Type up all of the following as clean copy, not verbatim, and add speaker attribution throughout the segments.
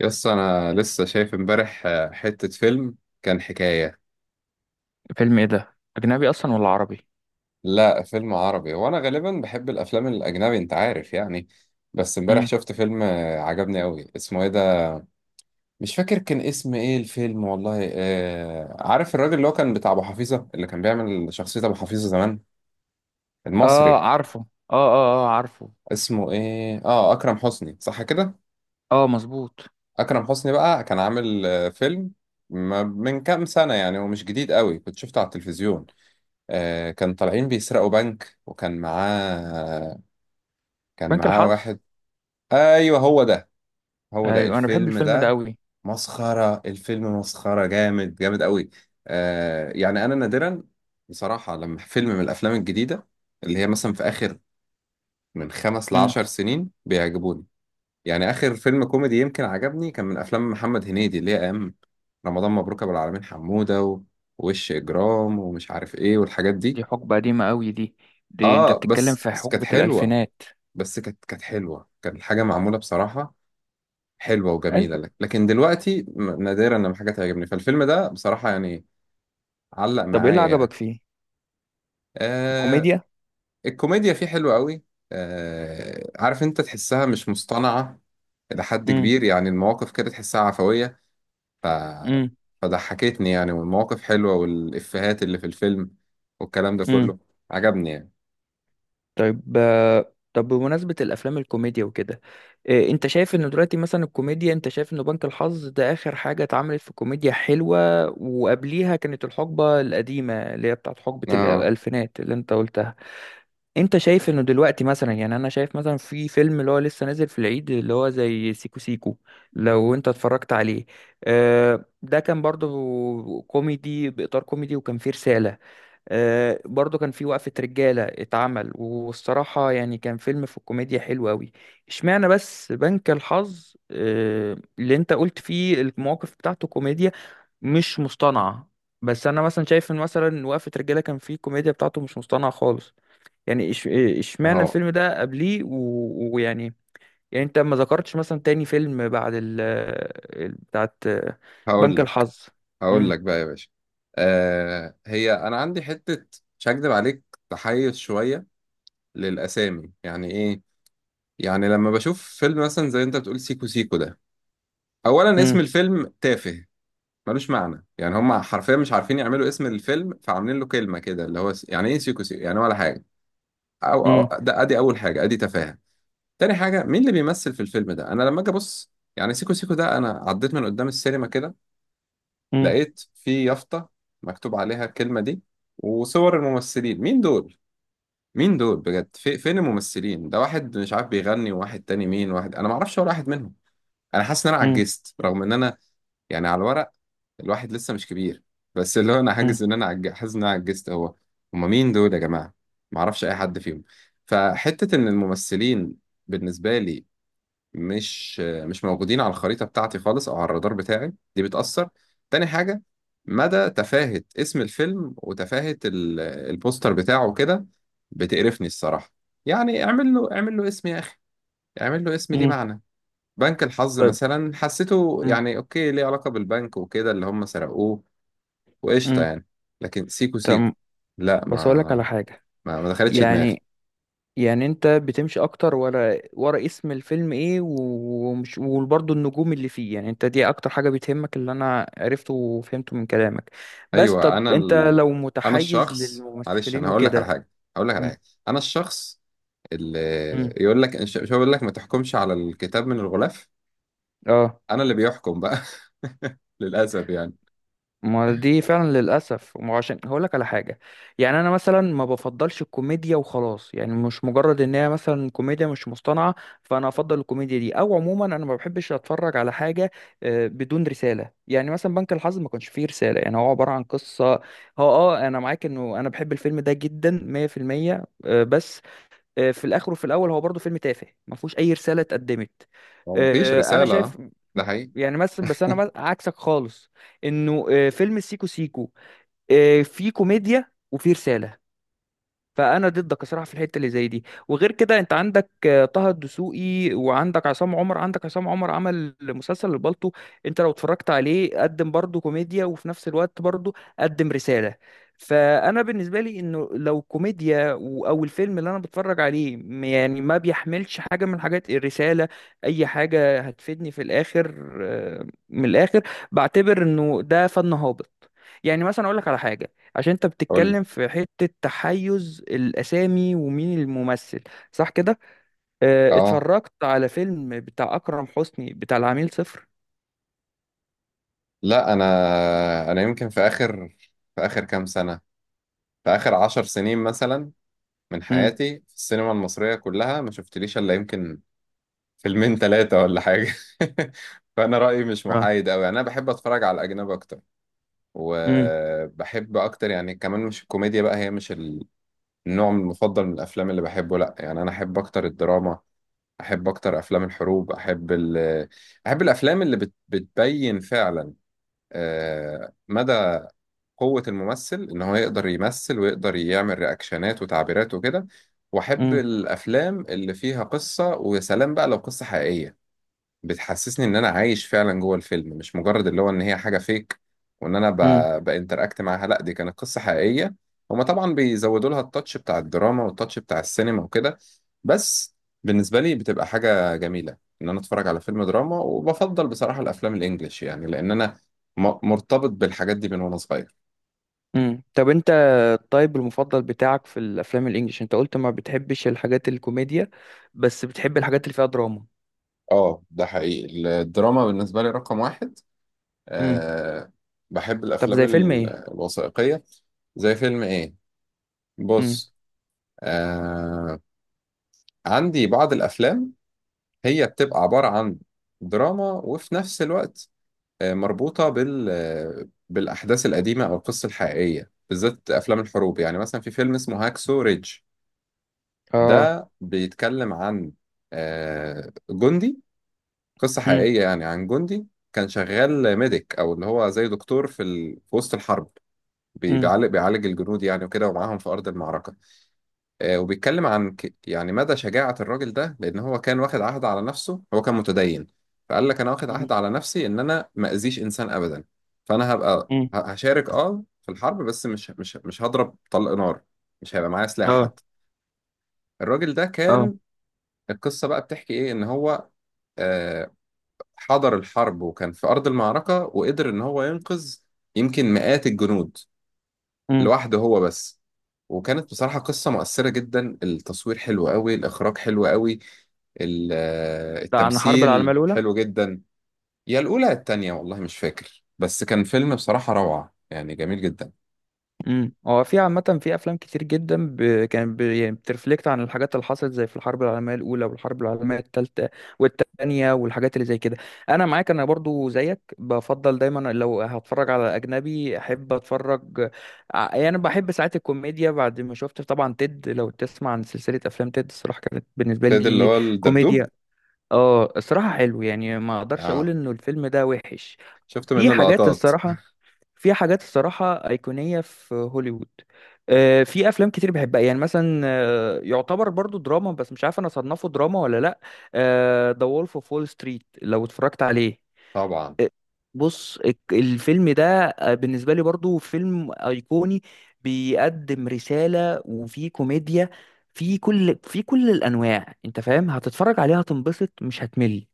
Speaker 1: يس، انا لسه شايف امبارح حتة فيلم. كان حكاية.
Speaker 2: فيلم ايه ده، اجنبي اصلا ولا عربي؟
Speaker 1: لا، فيلم عربي. وانا غالبا بحب الافلام الاجنبي، انت عارف يعني. بس امبارح
Speaker 2: امم.
Speaker 1: شفت فيلم عجبني قوي. اسمه ايه ده؟ مش فاكر كان اسم ايه الفيلم والله. عارف الراجل اللي هو كان بتاع ابو حفيظة، اللي كان بيعمل شخصية ابو حفيظة زمان،
Speaker 2: اه،
Speaker 1: المصري؟
Speaker 2: عارفه. اه، اه، اه، عارفه.
Speaker 1: اسمه ايه؟ اه اكرم حسني، صح كده؟
Speaker 2: اه، مظبوط.
Speaker 1: اكرم حسني بقى كان عامل فيلم من كام سنة يعني، ومش جديد قوي. كنت شفته على التلفزيون. كان طالعين بيسرقوا بنك. وكان معاه كان
Speaker 2: بنك
Speaker 1: معاه
Speaker 2: الحظ.
Speaker 1: واحد. ايوه، هو ده
Speaker 2: ايوه، انا بحب
Speaker 1: الفيلم
Speaker 2: الفيلم ده
Speaker 1: ده.
Speaker 2: قوي.
Speaker 1: مسخرة الفيلم، مسخرة جامد جامد قوي. يعني انا نادرا، بصراحة، لما فيلم من الافلام الجديدة اللي هي مثلا في اخر من خمس
Speaker 2: امم.
Speaker 1: لعشر سنين بيعجبوني. يعني اخر فيلم كوميدي يمكن عجبني كان من افلام محمد هنيدي، اللي هي ايام رمضان مبروك، ابو العالمين، حمودة ووش اجرام، ومش عارف ايه والحاجات دي.
Speaker 2: دي حقبة قديمة قوي دي. دي انت
Speaker 1: اه،
Speaker 2: بتتكلم
Speaker 1: بس
Speaker 2: في
Speaker 1: بس كانت
Speaker 2: حقبة
Speaker 1: حلوة.
Speaker 2: الالفينات.
Speaker 1: بس كانت حلوه. كانت الحاجه معموله بصراحه حلوه وجميله،
Speaker 2: ايوه.
Speaker 1: لكن دلوقتي نادرا لما حاجه تعجبني. فالفيلم ده بصراحه يعني علق
Speaker 2: طب ايه اللي
Speaker 1: معايا
Speaker 2: عجبك
Speaker 1: يعني.
Speaker 2: فيه؟
Speaker 1: آه
Speaker 2: الكوميديا.
Speaker 1: الكوميديا فيه حلوه قوي. عارف انت تحسها مش مصطنعه الى حد
Speaker 2: امم.
Speaker 1: كبير، يعني المواقف كده تحسها عفويه. ف فضحكتني يعني، والمواقف حلوه، والافيهات اللي في الفيلم والكلام ده
Speaker 2: امم.
Speaker 1: كله عجبني يعني.
Speaker 2: طيب، طب بمناسبة الأفلام الكوميديا وكده. أنت شايف إن دلوقتي مثلا الكوميديا، أنت شايف إن بنك الحظ ده آخر حاجة اتعملت في كوميديا حلوة، وقبليها كانت الحقبة القديمة اللي هي بتاعت حقبة
Speaker 1: اه.
Speaker 2: الألفينات اللي أنت قلتها؟ أنت شايف إنه دلوقتي مثلا، يعني أنا شايف مثلا في فيلم اللي هو لسه نازل في العيد اللي هو زي سيكو سيكو، لو أنت اتفرجت عليه، ده كان برضه كوميدي بإطار كوميدي وكان فيه رسالة. برضو كان في وقفة رجالة اتعمل، والصراحة يعني كان فيلم في الكوميديا حلو أوي. اشمعنى بس بنك الحظ اللي انت قلت فيه المواقف بتاعته كوميديا مش مصطنعة؟ بس أنا مثلا شايف إن مثلا وقفة رجالة كان فيه الكوميديا بتاعته مش مصطنعة خالص. يعني اشمعنى
Speaker 1: اهو.
Speaker 2: الفيلم ده قبليه ويعني. يعني انت ما ذكرتش مثلا تاني فيلم بعد بتاعت
Speaker 1: هقول
Speaker 2: بنك
Speaker 1: لك
Speaker 2: الحظ.
Speaker 1: هقول
Speaker 2: مم،
Speaker 1: لك بقى يا باشا. هي انا عندي حته، مش هكدب عليك، تحيز شويه للاسامي، يعني ايه؟ يعني لما بشوف فيلم مثلا زي انت بتقول سيكو سيكو ده، اولا اسم
Speaker 2: مم،
Speaker 1: الفيلم تافه ملوش معنى. يعني هم حرفيا مش عارفين يعملوا اسم الفيلم، فعاملين له كلمه كده اللي هو يعني ايه سيكو سيكو يعني، ولا حاجه. أو,
Speaker 2: مم،
Speaker 1: أو ده ادي اول حاجه، ادي تفاهه. تاني حاجه، مين اللي بيمثل في الفيلم ده؟ انا لما اجي ابص يعني سيكو سيكو ده، انا عديت من قدام السينما كده،
Speaker 2: مم،
Speaker 1: لقيت في يافطة مكتوب عليها الكلمة دي وصور الممثلين. مين دول؟ مين دول بجد؟ في فين الممثلين؟ ده واحد مش عارف بيغني، وواحد تاني مين، واحد أنا معرفش ولا واحد منهم. أنا حاسس إن أنا
Speaker 2: مم،
Speaker 1: عجزت، رغم إن أنا يعني على الورق الواحد لسه مش كبير، بس اللي هو أنا حاجز إن أنا حاسس إن أنا عجزت. هما مين دول يا جماعة؟ معرفش أي حد فيهم. فحتة إن الممثلين بالنسبة لي مش موجودين على الخريطة بتاعتي خالص، أو على الرادار بتاعي، دي بتأثر. تاني حاجة، مدى تفاهة اسم الفيلم وتفاهة البوستر بتاعه كده، بتقرفني الصراحة. يعني اعمل له اسم يا أخي، اعمل له اسم ليه
Speaker 2: مم.
Speaker 1: معنى. بنك الحظ
Speaker 2: طيب.
Speaker 1: مثلا حسيته
Speaker 2: مم.
Speaker 1: يعني أوكي، ليه علاقة بالبنك وكده اللي هم سرقوه، وقشطة
Speaker 2: مم.
Speaker 1: يعني. لكن سيكو سيكو،
Speaker 2: تمام.
Speaker 1: لا ما.
Speaker 2: بس اقول لك على حاجه.
Speaker 1: ما دخلتش دماغي.
Speaker 2: يعني. يعني انت بتمشي اكتر ورا ورا اسم الفيلم ايه ومش، وبرضه النجوم اللي فيه، يعني انت دي اكتر حاجه بتهمك اللي انا عرفته وفهمته من كلامك. بس
Speaker 1: أيوة،
Speaker 2: طب انت لو
Speaker 1: أنا
Speaker 2: متحيز
Speaker 1: الشخص معلش،
Speaker 2: للممثلين
Speaker 1: أنا هقول لك على
Speaker 2: وكده.
Speaker 1: حاجة هقول لك على
Speaker 2: مم.
Speaker 1: حاجة أنا الشخص ال-
Speaker 2: مم.
Speaker 1: يقول لك، مش هو بيقول لك ما تحكمش على الكتاب من الغلاف.
Speaker 2: اه،
Speaker 1: انا اللي بيحكم بقى للاسف يعني.
Speaker 2: ما دي فعلا للاسف، ما هو عشان هقول لك على حاجه. يعني انا مثلا ما بفضلش الكوميديا وخلاص، يعني مش مجرد ان هي مثلا كوميديا مش مصطنعه فانا افضل الكوميديا دي، او عموما انا ما بحبش اتفرج على حاجه بدون رساله. يعني مثلا بنك الحظ ما كانش فيه رساله، يعني هو عباره عن قصه. هو انا معاك انه انا بحب الفيلم ده جدا 100% بس في الاخر وفي الاول هو برضه فيلم تافه ما فيهوش اي رساله اتقدمت.
Speaker 1: هو مفيش
Speaker 2: انا
Speaker 1: رساله.
Speaker 2: شايف
Speaker 1: ده حقيقي.
Speaker 2: يعني مثلا، بس انا عكسك خالص، انه فيلم سيكو سيكو فيه كوميديا وفيه رساله. فانا ضدك صراحه في الحته اللي زي دي. وغير كده، انت عندك طه الدسوقي، وعندك عصام عمر. عندك عصام عمر عمل مسلسل البالطو، انت لو اتفرجت عليه قدم برضه كوميديا وفي نفس الوقت برضه قدم رساله. فانا بالنسبه لي انه لو كوميديا او الفيلم اللي انا بتفرج عليه يعني ما بيحملش حاجه من حاجات الرساله، اي حاجه هتفيدني في الاخر من الاخر، بعتبر انه ده فن هابط. يعني مثلا اقول لك على حاجه، عشان انت
Speaker 1: قول لي.
Speaker 2: بتتكلم في حتة تحيز الأسامي ومين الممثل، صح كده؟
Speaker 1: اه،
Speaker 2: اتفرجت على فيلم بتاع أكرم حسني بتاع العميل صفر.
Speaker 1: لا. انا يمكن في اخر كام سنه في اخر عشر سنين مثلا، من
Speaker 2: امم.
Speaker 1: حياتي في السينما المصريه كلها، ما شفتليش الا يمكن فيلمين، ثلاثه، ولا حاجه. فانا رايي مش
Speaker 2: اه.
Speaker 1: محايد قوي، يعني انا بحب اتفرج على الاجنبي اكتر.
Speaker 2: امم.
Speaker 1: وبحب اكتر يعني كمان، مش الكوميديا بقى هي مش النوع المفضل من الافلام اللي بحبه، لا يعني انا احب اكتر الدراما، احب اكتر افلام الحروب، احب الافلام اللي بتبين فعلا مدى قوة الممثل ان هو يقدر يمثل، ويقدر يعمل رياكشنات وتعبيرات وكده. واحب
Speaker 2: امم.
Speaker 1: الافلام اللي فيها قصة، ويا سلام بقى لو قصة حقيقية، بتحسسني ان انا عايش فعلا جوه الفيلم، مش مجرد اللي هو ان هي حاجه فيك وان انا
Speaker 2: امم.
Speaker 1: بانتراكت معاها. لا، دي كانت قصه حقيقيه. هما طبعا بيزودوا لها التاتش بتاع الدراما والتاتش بتاع السينما وكده، بس بالنسبه لي بتبقى حاجه جميله ان انا اتفرج على فيلم دراما. وبفضل بصراحه الافلام الانجليش، يعني لان انا مرتبط بالحاجات دي من وانا صغير.
Speaker 2: امم. طب انت، الطيب المفضل بتاعك في الأفلام الإنجليش، انت قلت ما بتحبش الحاجات الكوميديا بس بتحب الحاجات اللي فيها دراما.
Speaker 1: اه، ده حقيقي، الدراما بالنسبه لي رقم واحد.
Speaker 2: امم.
Speaker 1: أه بحب
Speaker 2: طب
Speaker 1: الافلام
Speaker 2: زي فيلم ايه؟
Speaker 1: الوثائقيه. زي فيلم ايه؟
Speaker 2: امم.
Speaker 1: بص، آه عندي بعض الأفلام، هي بتبقى عبارة عن دراما وفي نفس الوقت مربوطة بالأحداث القديمة أو القصة الحقيقية، بالذات أفلام الحروب. يعني مثلا في فيلم اسمه هاكسو ريدج.
Speaker 2: اه.
Speaker 1: ده بيتكلم عن جندي. قصة
Speaker 2: امم.
Speaker 1: حقيقية يعني، عن جندي كان شغال ميديك أو اللي هو زي دكتور في وسط الحرب، بي-
Speaker 2: امم.
Speaker 1: بيعالج بيعالج الجنود يعني وكده، ومعاهم في أرض المعركة. وبيتكلم عن يعني مدى شجاعة الراجل ده، لأن هو كان واخد عهد على نفسه، هو كان متدين، فقال لك أنا واخد
Speaker 2: امم.
Speaker 1: عهد على نفسي إن أنا ما أذيش إنسان أبدا. فأنا
Speaker 2: امم.
Speaker 1: هشارك في الحرب، بس مش هضرب طلق نار، مش هيبقى معايا سلاح
Speaker 2: اه.
Speaker 1: حتى. الراجل ده
Speaker 2: اه.
Speaker 1: كان القصة بقى بتحكي إيه؟ إن هو آه، حضر الحرب وكان في أرض المعركة، وقدر إن هو ينقذ يمكن مئات الجنود
Speaker 2: امم.
Speaker 1: لوحده هو بس. وكانت بصراحة قصة مؤثرة جدا، التصوير حلو قوي، الإخراج حلو قوي،
Speaker 2: ده عن الحرب العالمية
Speaker 1: التمثيل
Speaker 2: الأولى؟
Speaker 1: حلو جدا. يا الأولى يا التانية، والله مش فاكر، بس كان فيلم بصراحة روعة يعني جميل جدا.
Speaker 2: امم. هو في عامة في أفلام كتير جدا كان يعني بترفلكت عن الحاجات اللي حصلت زي في الحرب العالمية الأولى والحرب العالمية التالتة والتانية والحاجات اللي زي كده. أنا معاك، أنا برضو زيك بفضل دايما لو هتفرج على أجنبي أحب أتفرج. يعني بحب ساعات الكوميديا. بعد ما شفت طبعا تيد، لو تسمع عن سلسلة أفلام تيد، الصراحة كانت بالنسبة
Speaker 1: فايد اللي
Speaker 2: لي
Speaker 1: هو الدبدوب،
Speaker 2: كوميديا. اه، الصراحة حلو، يعني ما اقدرش اقول
Speaker 1: اه.
Speaker 2: انه الفيلم ده وحش.
Speaker 1: شفت
Speaker 2: في
Speaker 1: منه
Speaker 2: حاجات
Speaker 1: لقطات.
Speaker 2: الصراحة في حاجات الصراحة أيقونية في هوليوود. في أفلام كتير بحبها، يعني مثلا يعتبر برضو دراما، بس مش عارف أنا أصنفه دراما ولا لأ. ذا وولف أوف وول ستريت، لو اتفرجت عليه.
Speaker 1: طبعا
Speaker 2: آه، بص الفيلم ده بالنسبة لي برضو فيلم أيقوني، بيقدم رسالة وفي كوميديا، في كل الأنواع. أنت فاهم، هتتفرج عليها هتنبسط مش هتمل.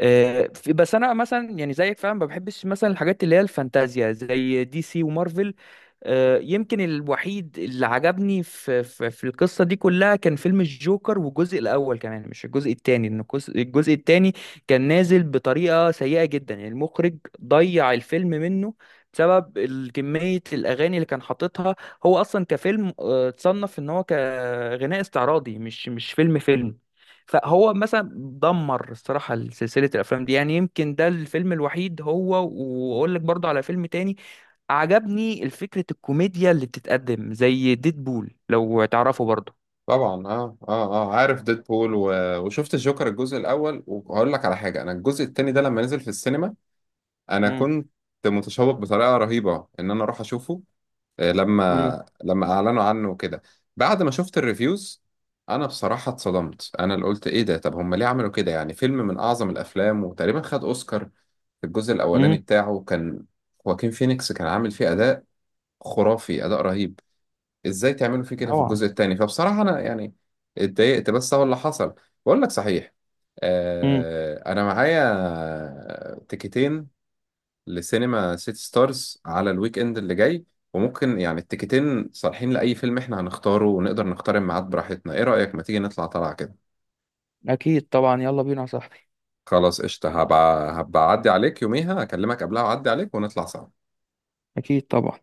Speaker 2: بس انا مثلا يعني زيك فعلا ما بحبش مثلا الحاجات اللي هي الفانتازيا زي دي سي ومارفل. يمكن الوحيد اللي عجبني في القصه دي كلها كان فيلم الجوكر، والجزء الاول كمان مش الجزء الثاني، لان الجزء الثاني كان نازل بطريقه سيئه جدا، يعني المخرج ضيع الفيلم منه بسبب كميه الاغاني اللي كان حاططها. هو اصلا كفيلم اتصنف ان هو كغناء استعراضي، مش فيلم فيلم. فهو مثلا دمر الصراحة سلسلة الأفلام دي. يعني يمكن ده الفيلم الوحيد هو، وأقول لك برضه على فيلم تاني عجبني الفكرة الكوميديا اللي بتتقدم زي ديدبول، لو تعرفه برضه.
Speaker 1: طبعا، اه اه اه، عارف ديدبول وشفت الجوكر الجزء الأول. وهقول لك على حاجة، أنا الجزء التاني ده لما نزل في السينما، أنا
Speaker 2: امم.
Speaker 1: كنت متشوق بطريقة رهيبة إن أنا أروح أشوفه
Speaker 2: امم.
Speaker 1: لما اعلنوا عنه وكده. بعد ما شفت الريفيوز، انا بصراحة اتصدمت، انا اللي قلت ايه ده؟ طب هم ليه عملوا كده؟ يعني فيلم من اعظم الافلام، وتقريبا خد اوسكار في الجزء الاولاني
Speaker 2: امم.
Speaker 1: بتاعه، كان خواكين فينيكس كان عامل فيه اداء خرافي، اداء رهيب، ازاي تعملوا فيه كده في
Speaker 2: طبعا.
Speaker 1: الجزء الثاني؟ فبصراحة انا يعني اتضايقت، بس هو اللي حصل. بقول لك صحيح،
Speaker 2: امم.
Speaker 1: انا معايا تيكتين لسينما سيتي ستارز على الويك اند اللي جاي، وممكن يعني التيكتين صالحين لأي فيلم احنا هنختاره، ونقدر نختار الميعاد براحتنا. ايه رأيك ما تيجي نطلع طلعة كده؟
Speaker 2: أكيد طبعا، يلا بينا يا صاحبي.
Speaker 1: خلاص قشطة، هبقى أعدي عليك يوميها، أكلمك قبلها وأعدي عليك ونطلع سوا.
Speaker 2: أكيد طبعا.